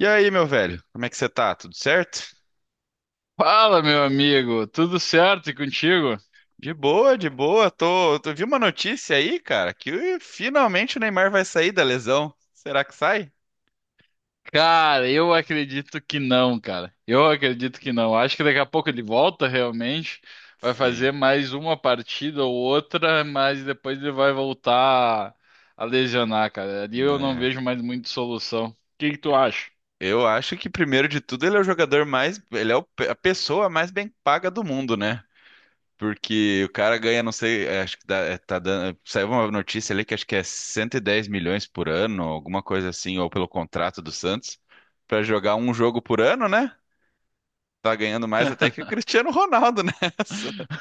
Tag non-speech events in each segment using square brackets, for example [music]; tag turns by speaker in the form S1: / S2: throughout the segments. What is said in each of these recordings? S1: E aí, meu velho, como é que você tá? Tudo certo?
S2: Fala, meu amigo, tudo certo e contigo?
S1: De boa, de boa. Vi uma notícia aí, cara, que finalmente o Neymar vai sair da lesão. Será que sai?
S2: Cara, eu acredito que não, cara. Eu acredito que não. Acho que daqui a pouco ele volta realmente, vai
S1: Sim,
S2: fazer mais uma partida ou outra, mas depois ele vai voltar a lesionar, cara. Ali eu não
S1: né?
S2: vejo mais muita solução. O que que tu acha?
S1: Eu acho que primeiro de tudo ele é o jogador mais, ele é o a pessoa mais bem paga do mundo, né? Porque o cara ganha, não sei, acho que dá, tá dando, saiu uma notícia ali que acho que é 110 milhões por ano, alguma coisa assim, ou pelo contrato do Santos, pra jogar um jogo por ano, né? Tá ganhando mais até que o
S2: [laughs]
S1: Cristiano Ronaldo nessa. [laughs]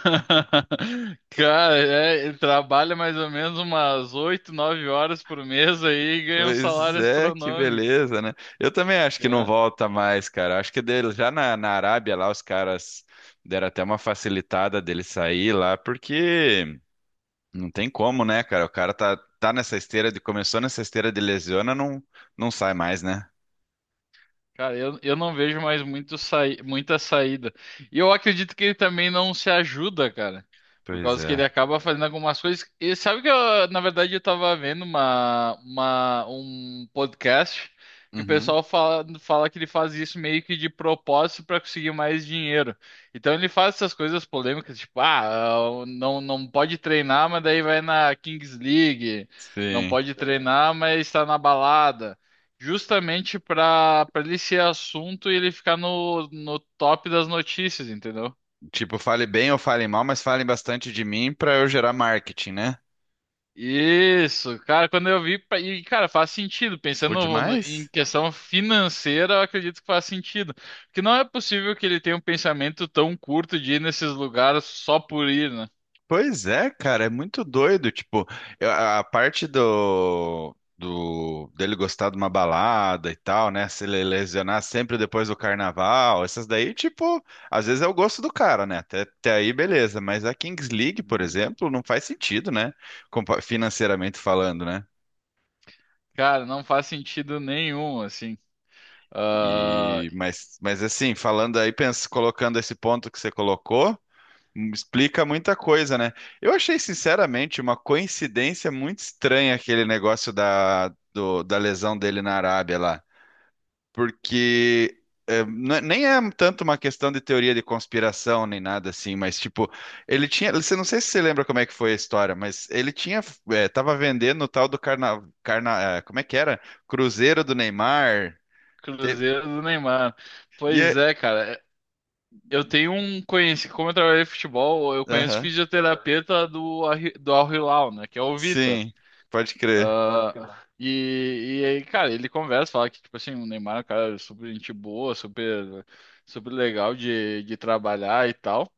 S2: Cara, ele trabalha mais ou menos umas 8, 9 horas por mês aí e ganha um
S1: Pois
S2: salário
S1: é, que
S2: astronômico.
S1: beleza, né? Eu também acho que não volta mais, cara. Acho que dele, já na Arábia lá, os caras deram até uma facilitada dele sair lá, porque não tem como, né, cara? O cara tá nessa esteira de, começou nessa esteira de lesiona, não, não sai mais, né?
S2: Cara, eu não vejo mais muito saí muita saída. E eu acredito que ele também não se ajuda, cara. Por
S1: Pois
S2: causa que ele
S1: é.
S2: acaba fazendo algumas coisas. E sabe que eu, na verdade, eu tava vendo um podcast que o
S1: Uhum.
S2: pessoal fala que ele faz isso meio que de propósito para conseguir mais dinheiro. Então ele faz essas coisas polêmicas, tipo, ah, não, não pode treinar, mas daí vai na Kings League. Não
S1: Sim.
S2: pode treinar, mas está na balada justamente para ele ser assunto e ele ficar no top das notícias, entendeu?
S1: Tipo, fale bem ou fale mal, mas falem bastante de mim pra eu gerar marketing, né?
S2: Isso, cara, quando eu vi, e cara, faz sentido,
S1: Por
S2: pensando em
S1: demais?
S2: questão financeira, eu acredito que faz sentido, porque não é possível que ele tenha um pensamento tão curto de ir nesses lugares só por ir, né?
S1: Pois é, cara, é muito doido. Tipo, a parte do dele gostar de uma balada e tal, né? Se ele lesionar sempre depois do carnaval, essas daí, tipo, às vezes é o gosto do cara, né? Até aí, beleza. Mas a Kings League, por
S2: Uhum.
S1: exemplo, não faz sentido, né? Financeiramente falando, né?
S2: Cara, não faz sentido nenhum, assim. Ah,
S1: Mas assim, falando aí, pensa, colocando esse ponto que você colocou. Explica muita coisa, né? Eu achei, sinceramente, uma coincidência muito estranha aquele negócio da lesão dele na Arábia lá. Porque nem é tanto uma questão de teoria de conspiração nem nada assim, mas tipo, ele tinha. Você não sei se você lembra como é que foi a história, mas ele tinha. Tava vendendo o tal do como é que era? Cruzeiro do Neymar. Te-
S2: Cruzeiro do Neymar.
S1: e
S2: Pois
S1: é-
S2: é, cara. Eu tenho um conhecido, como eu trabalhei em futebol, eu conheço
S1: Aham.
S2: fisioterapeuta do Al Hilal, né? Que é o Vitor.
S1: Sim, pode crer.
S2: Ah, Ah, cara. E aí, cara, ele conversa, fala que, tipo assim, o Neymar é um cara super gente boa, super, super legal de trabalhar e tal.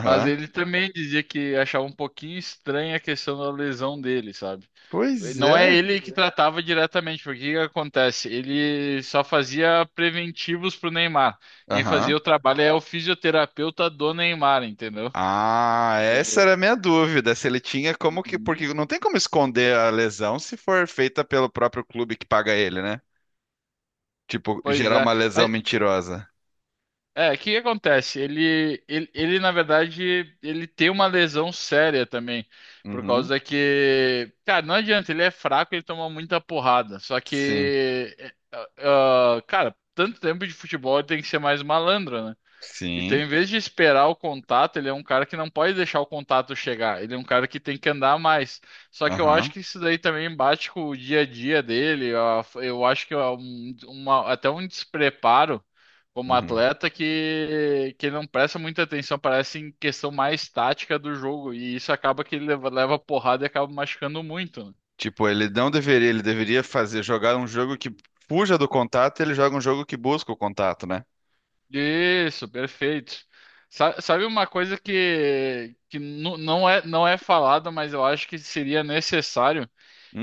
S2: Mas ele também dizia que achava um pouquinho estranha a questão da lesão dele, sabe?
S1: Pois
S2: Não é
S1: é.
S2: ele que tratava diretamente, porque o que que acontece? Ele só fazia preventivos pro Neymar. Quem fazia
S1: Aham.
S2: o trabalho é o fisioterapeuta do Neymar, entendeu?
S1: Ah, essa
S2: O-
S1: era a minha dúvida, se ele tinha como que,
S2: Uhum.
S1: porque não tem como esconder a lesão se for feita pelo próprio clube que paga ele, né? Tipo,
S2: Pois
S1: gerar
S2: é.
S1: uma lesão
S2: Mas
S1: mentirosa.
S2: o que que acontece? Ele, na verdade, ele tem uma lesão séria também. Por
S1: Uhum.
S2: causa que, cara, não adianta, ele é fraco, ele toma muita porrada. Só
S1: Sim.
S2: que, cara, tanto tempo de futebol ele tem que ser mais malandro, né? Então,
S1: Sim.
S2: em vez de esperar o contato, ele é um cara que não pode deixar o contato chegar. Ele é um cara que tem que andar mais. Só que eu acho
S1: Aham.
S2: que isso daí também bate com o dia a dia dele. Eu acho que é até um despreparo como
S1: Uhum.
S2: atleta que ele não presta muita atenção, parece em questão mais tática do jogo. E isso acaba que ele leva porrada e acaba machucando muito, né?
S1: Tipo, ele não deveria, ele deveria fazer jogar um jogo que fuja do contato, ele joga um jogo que busca o contato, né?
S2: Isso, perfeito. Sabe uma coisa que não é falada, mas eu acho que seria necessário?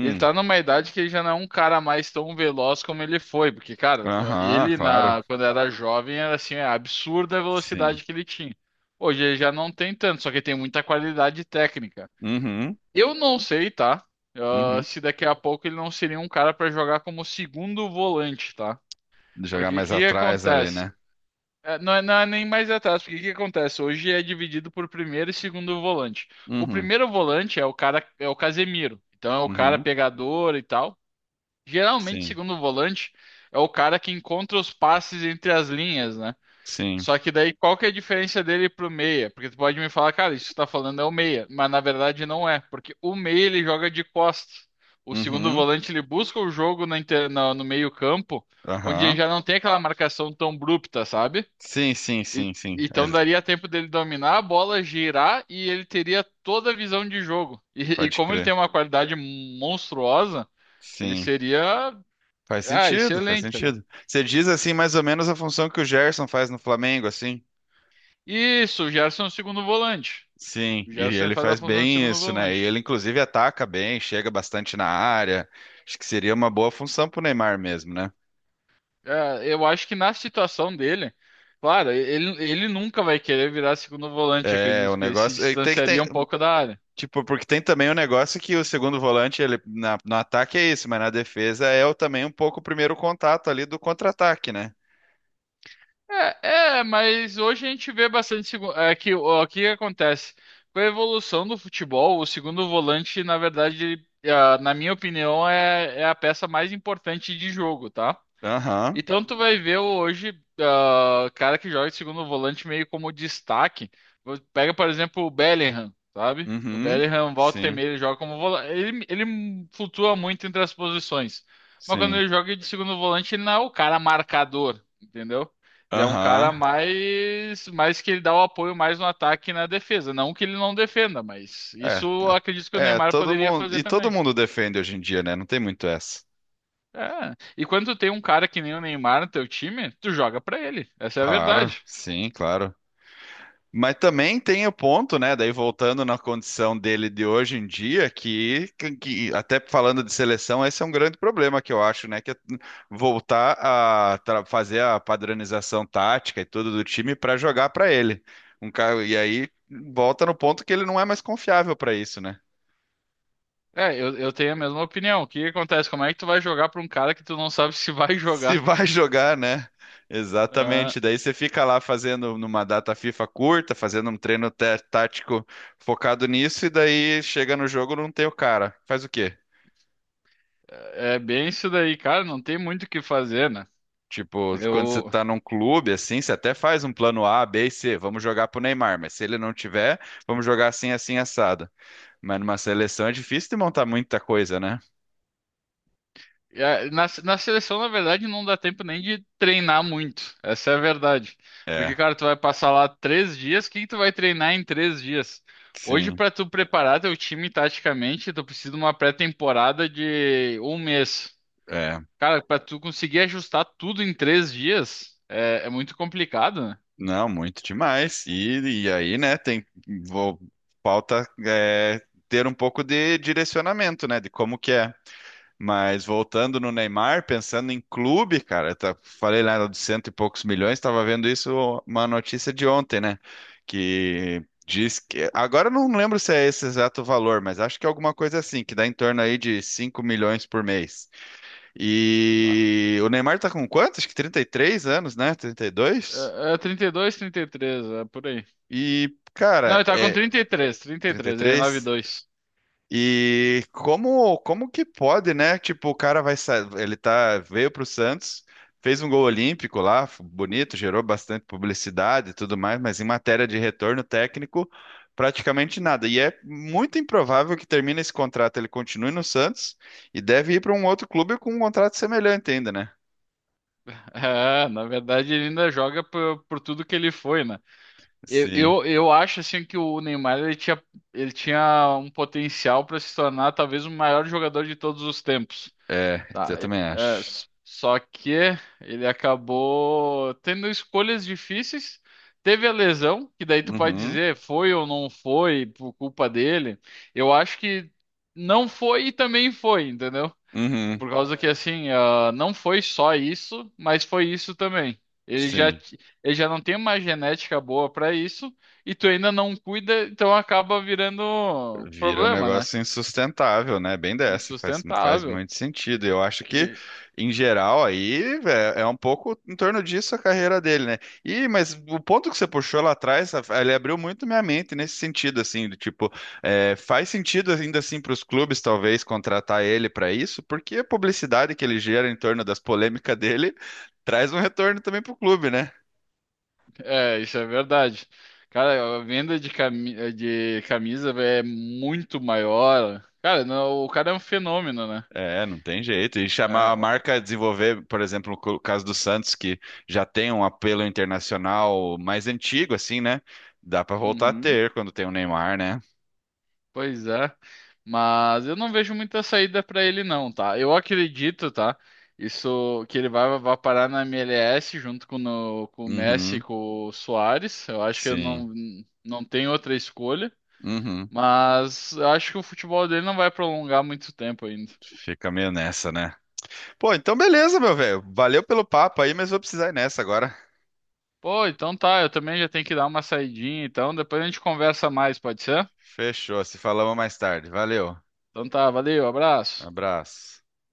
S2: Ele tá numa idade que ele já não é um cara mais tão veloz como ele foi, porque, cara,
S1: Aham, claro.
S2: quando era jovem era assim, é absurda a
S1: Sim.
S2: velocidade que ele tinha. Hoje ele já não tem tanto, só que tem muita qualidade técnica.
S1: Uhum.
S2: Eu não sei, tá? Ah,
S1: Uhum.
S2: se daqui a pouco ele não seria um cara para jogar como segundo volante, tá?
S1: Jogar
S2: Porque o
S1: mais
S2: que
S1: atrás ali,
S2: acontece?
S1: né?
S2: Não é nem mais atrás, porque o que acontece? Hoje é dividido por primeiro e segundo volante. O
S1: Uhum.
S2: primeiro volante é o cara, é o Casemiro, então é o cara
S1: Uhum.
S2: pegador e tal. Geralmente,
S1: Sim.
S2: segundo volante é o cara que encontra os passes entre as linhas, né?
S1: Sim.
S2: Só que daí qual que é a diferença dele pro meia? Porque tu pode me falar, cara, isso que tu tá falando é o meia, mas na verdade não é, porque o meia ele joga de costas. O segundo
S1: Uhum.
S2: volante ele busca o jogo no meio-campo, onde ele
S1: Aham.
S2: já não tem aquela marcação tão abrupta, sabe?
S1: Sim, sim,
S2: E-
S1: sim, sim.
S2: Então daria tempo dele dominar a bola, girar e ele teria toda a visão de jogo. E
S1: Pode
S2: como ele
S1: crer.
S2: tem uma qualidade monstruosa, ele
S1: Sim.
S2: seria,
S1: Faz
S2: ah,
S1: sentido, faz
S2: excelente, né?
S1: sentido. Você diz assim mais ou menos a função que o Gerson faz no Flamengo, assim?
S2: Isso, o Gerson é o segundo volante.
S1: Sim,
S2: O
S1: e
S2: Gerson
S1: ele
S2: faz a
S1: faz
S2: função de
S1: bem
S2: segundo
S1: isso, né? E
S2: volante.
S1: ele inclusive ataca bem, chega bastante na área. Acho que seria uma boa função pro Neymar mesmo, né?
S2: É, eu acho que na situação dele, claro, ele nunca vai querer virar segundo volante,
S1: É,
S2: acredito,
S1: o
S2: porque ele se
S1: negócio é, tem que tem,
S2: distanciaria um pouco da área.
S1: tipo, porque tem também o negócio que o segundo volante, ele no ataque é isso, mas na defesa é o, também um pouco o primeiro contato ali do contra-ataque, né?
S2: Mas hoje a gente vê bastante que o que acontece com a evolução do futebol, o segundo volante, na verdade, na minha opinião, é a peça mais importante de jogo, tá?
S1: Aham.
S2: Então tu vai ver hoje cara que joga de segundo volante meio como destaque. Pega, por exemplo, o Bellingham, sabe? O
S1: Uhum.
S2: Bellingham volta e
S1: Sim.
S2: meia ele joga como volante. Ele flutua muito entre as posições. Mas quando
S1: Sim.
S2: ele joga de segundo volante, ele não é o cara marcador, entendeu? Ele é um cara
S1: Aham.
S2: mais que ele dá o apoio mais no ataque e na defesa. Não que ele não defenda, mas
S1: É,
S2: isso eu
S1: tá-
S2: acredito que o Neymar
S1: todo
S2: poderia
S1: mundo.
S2: fazer
S1: E todo
S2: também.
S1: mundo defende hoje em dia, né? Não tem muito essa.
S2: É. E quando tu tem um cara que nem o Neymar no teu time, tu joga pra ele. Essa é a
S1: Claro,
S2: verdade.
S1: sim, claro. Mas também tem o ponto, né? Daí voltando na condição dele de hoje em dia, que até falando de seleção, esse é um grande problema que eu acho, né? Que é voltar a fazer a padronização tática e tudo do time para jogar para ele. Um cara, e aí volta no ponto que ele não é mais confiável para isso, né?
S2: É, eu tenho a mesma opinião. O que que acontece? Como é que tu vai jogar pra um cara que tu não sabe se vai [laughs]
S1: Se
S2: jogar?
S1: vai jogar, né? Exatamente.
S2: Ah,
S1: Daí você fica lá fazendo numa data FIFA curta, fazendo um treino tático focado nisso, e daí chega no jogo não tem o cara. Faz o quê?
S2: é bem isso daí, cara. Não tem muito o que fazer, né?
S1: Tipo, quando você
S2: Eu,
S1: tá num clube assim, você até faz um plano A, B e C, vamos jogar pro Neymar, mas se ele não tiver, vamos jogar assim, assim, assado. Mas numa seleção é difícil de montar muita coisa, né?
S2: na seleção, na verdade, não dá tempo nem de treinar muito. Essa é a verdade.
S1: É,
S2: Porque, cara, tu vai passar lá três dias. O que que tu vai treinar em três dias? Hoje,
S1: sim.
S2: pra tu preparar teu time taticamente, tu precisa de uma pré-temporada de um mês.
S1: É.
S2: Cara, pra tu conseguir ajustar tudo em três dias é muito complicado, né?
S1: Não, muito demais. E aí, né, tem, vou, falta ter um pouco de direcionamento, né, de como que é. Mas voltando no Neymar, pensando em clube, cara, falei lá de cento e poucos milhões, estava vendo isso, uma notícia de ontem, né, que diz que, agora eu não lembro se é esse exato valor, mas acho que é alguma coisa assim, que dá em torno aí de 5 milhões por mês.
S2: Bah.
S1: E o Neymar tá com quanto? Acho que 33 anos, né, 32?
S2: É 32, 33, é por aí.
S1: E,
S2: Não,
S1: cara,
S2: ele tá com
S1: é
S2: 33, 33, ele é
S1: 33. E três.
S2: 9-2. [laughs]
S1: E como que pode, né? Tipo, o cara ele tá veio pro Santos, fez um gol olímpico lá, bonito, gerou bastante publicidade e tudo mais, mas em matéria de retorno técnico, praticamente nada. E é muito improvável que termine esse contrato, ele continue no Santos e deve ir para um outro clube com um contrato semelhante ainda, né?
S2: É, na verdade ele ainda joga por tudo que ele foi, né? Eu,
S1: Sim.
S2: eu, eu acho assim que o Neymar ele tinha um potencial pra se tornar talvez o maior jogador de todos os tempos.
S1: É,
S2: Tá,
S1: eu também acho.
S2: só que ele acabou tendo escolhas difíceis. Teve a lesão, que daí tu pode
S1: Uhum.
S2: dizer foi ou não foi por culpa dele. Eu acho que não foi e também foi, entendeu?
S1: Uhum.
S2: Por causa que assim, não foi só isso, mas foi isso também. Ele já,
S1: Sim.
S2: t- ele já não tem uma genética boa pra isso e tu ainda não cuida, então acaba virando
S1: Vira um
S2: problema, né?
S1: negócio insustentável, né? Bem dessa, faz
S2: Insustentável.
S1: muito sentido. Eu acho que, em geral, aí é um pouco em torno disso a carreira dele, né? Mas o ponto que você puxou lá atrás, ele abriu muito minha mente nesse sentido, assim, do tipo, faz sentido ainda assim para os clubes, talvez, contratar ele para isso, porque a publicidade que ele gera em torno das polêmicas dele [laughs] traz um retorno também para o clube, né?
S2: É, isso é verdade. Cara, a venda de camisa é muito maior. Cara, não, o cara é um fenômeno, né?
S1: É, não tem jeito. E chamar
S2: É,
S1: a
S2: ó.
S1: marca a desenvolver, por exemplo, o caso do Santos, que já tem um apelo internacional mais antigo, assim, né? Dá pra voltar a
S2: Uhum,
S1: ter quando tem o Neymar, né?
S2: pois é. Mas eu não vejo muita saída pra ele, não, tá? Eu acredito, tá? Isso que ele vai parar na MLS junto com, no- com o Messi e
S1: Uhum,
S2: com o Soares. Eu acho que eu
S1: sim.
S2: não, não tem outra escolha.
S1: Uhum.
S2: Mas eu acho que o futebol dele não vai prolongar muito tempo ainda.
S1: Fica meio nessa, né? Pô, então beleza, meu velho. Valeu pelo papo aí, mas vou precisar ir nessa agora.
S2: Pô, então tá, eu também já tenho que dar uma saidinha, então depois a gente conversa mais, pode ser?
S1: Fechou. Se falamos mais tarde. Valeu.
S2: Então tá, valeu, abraço.
S1: Abraço.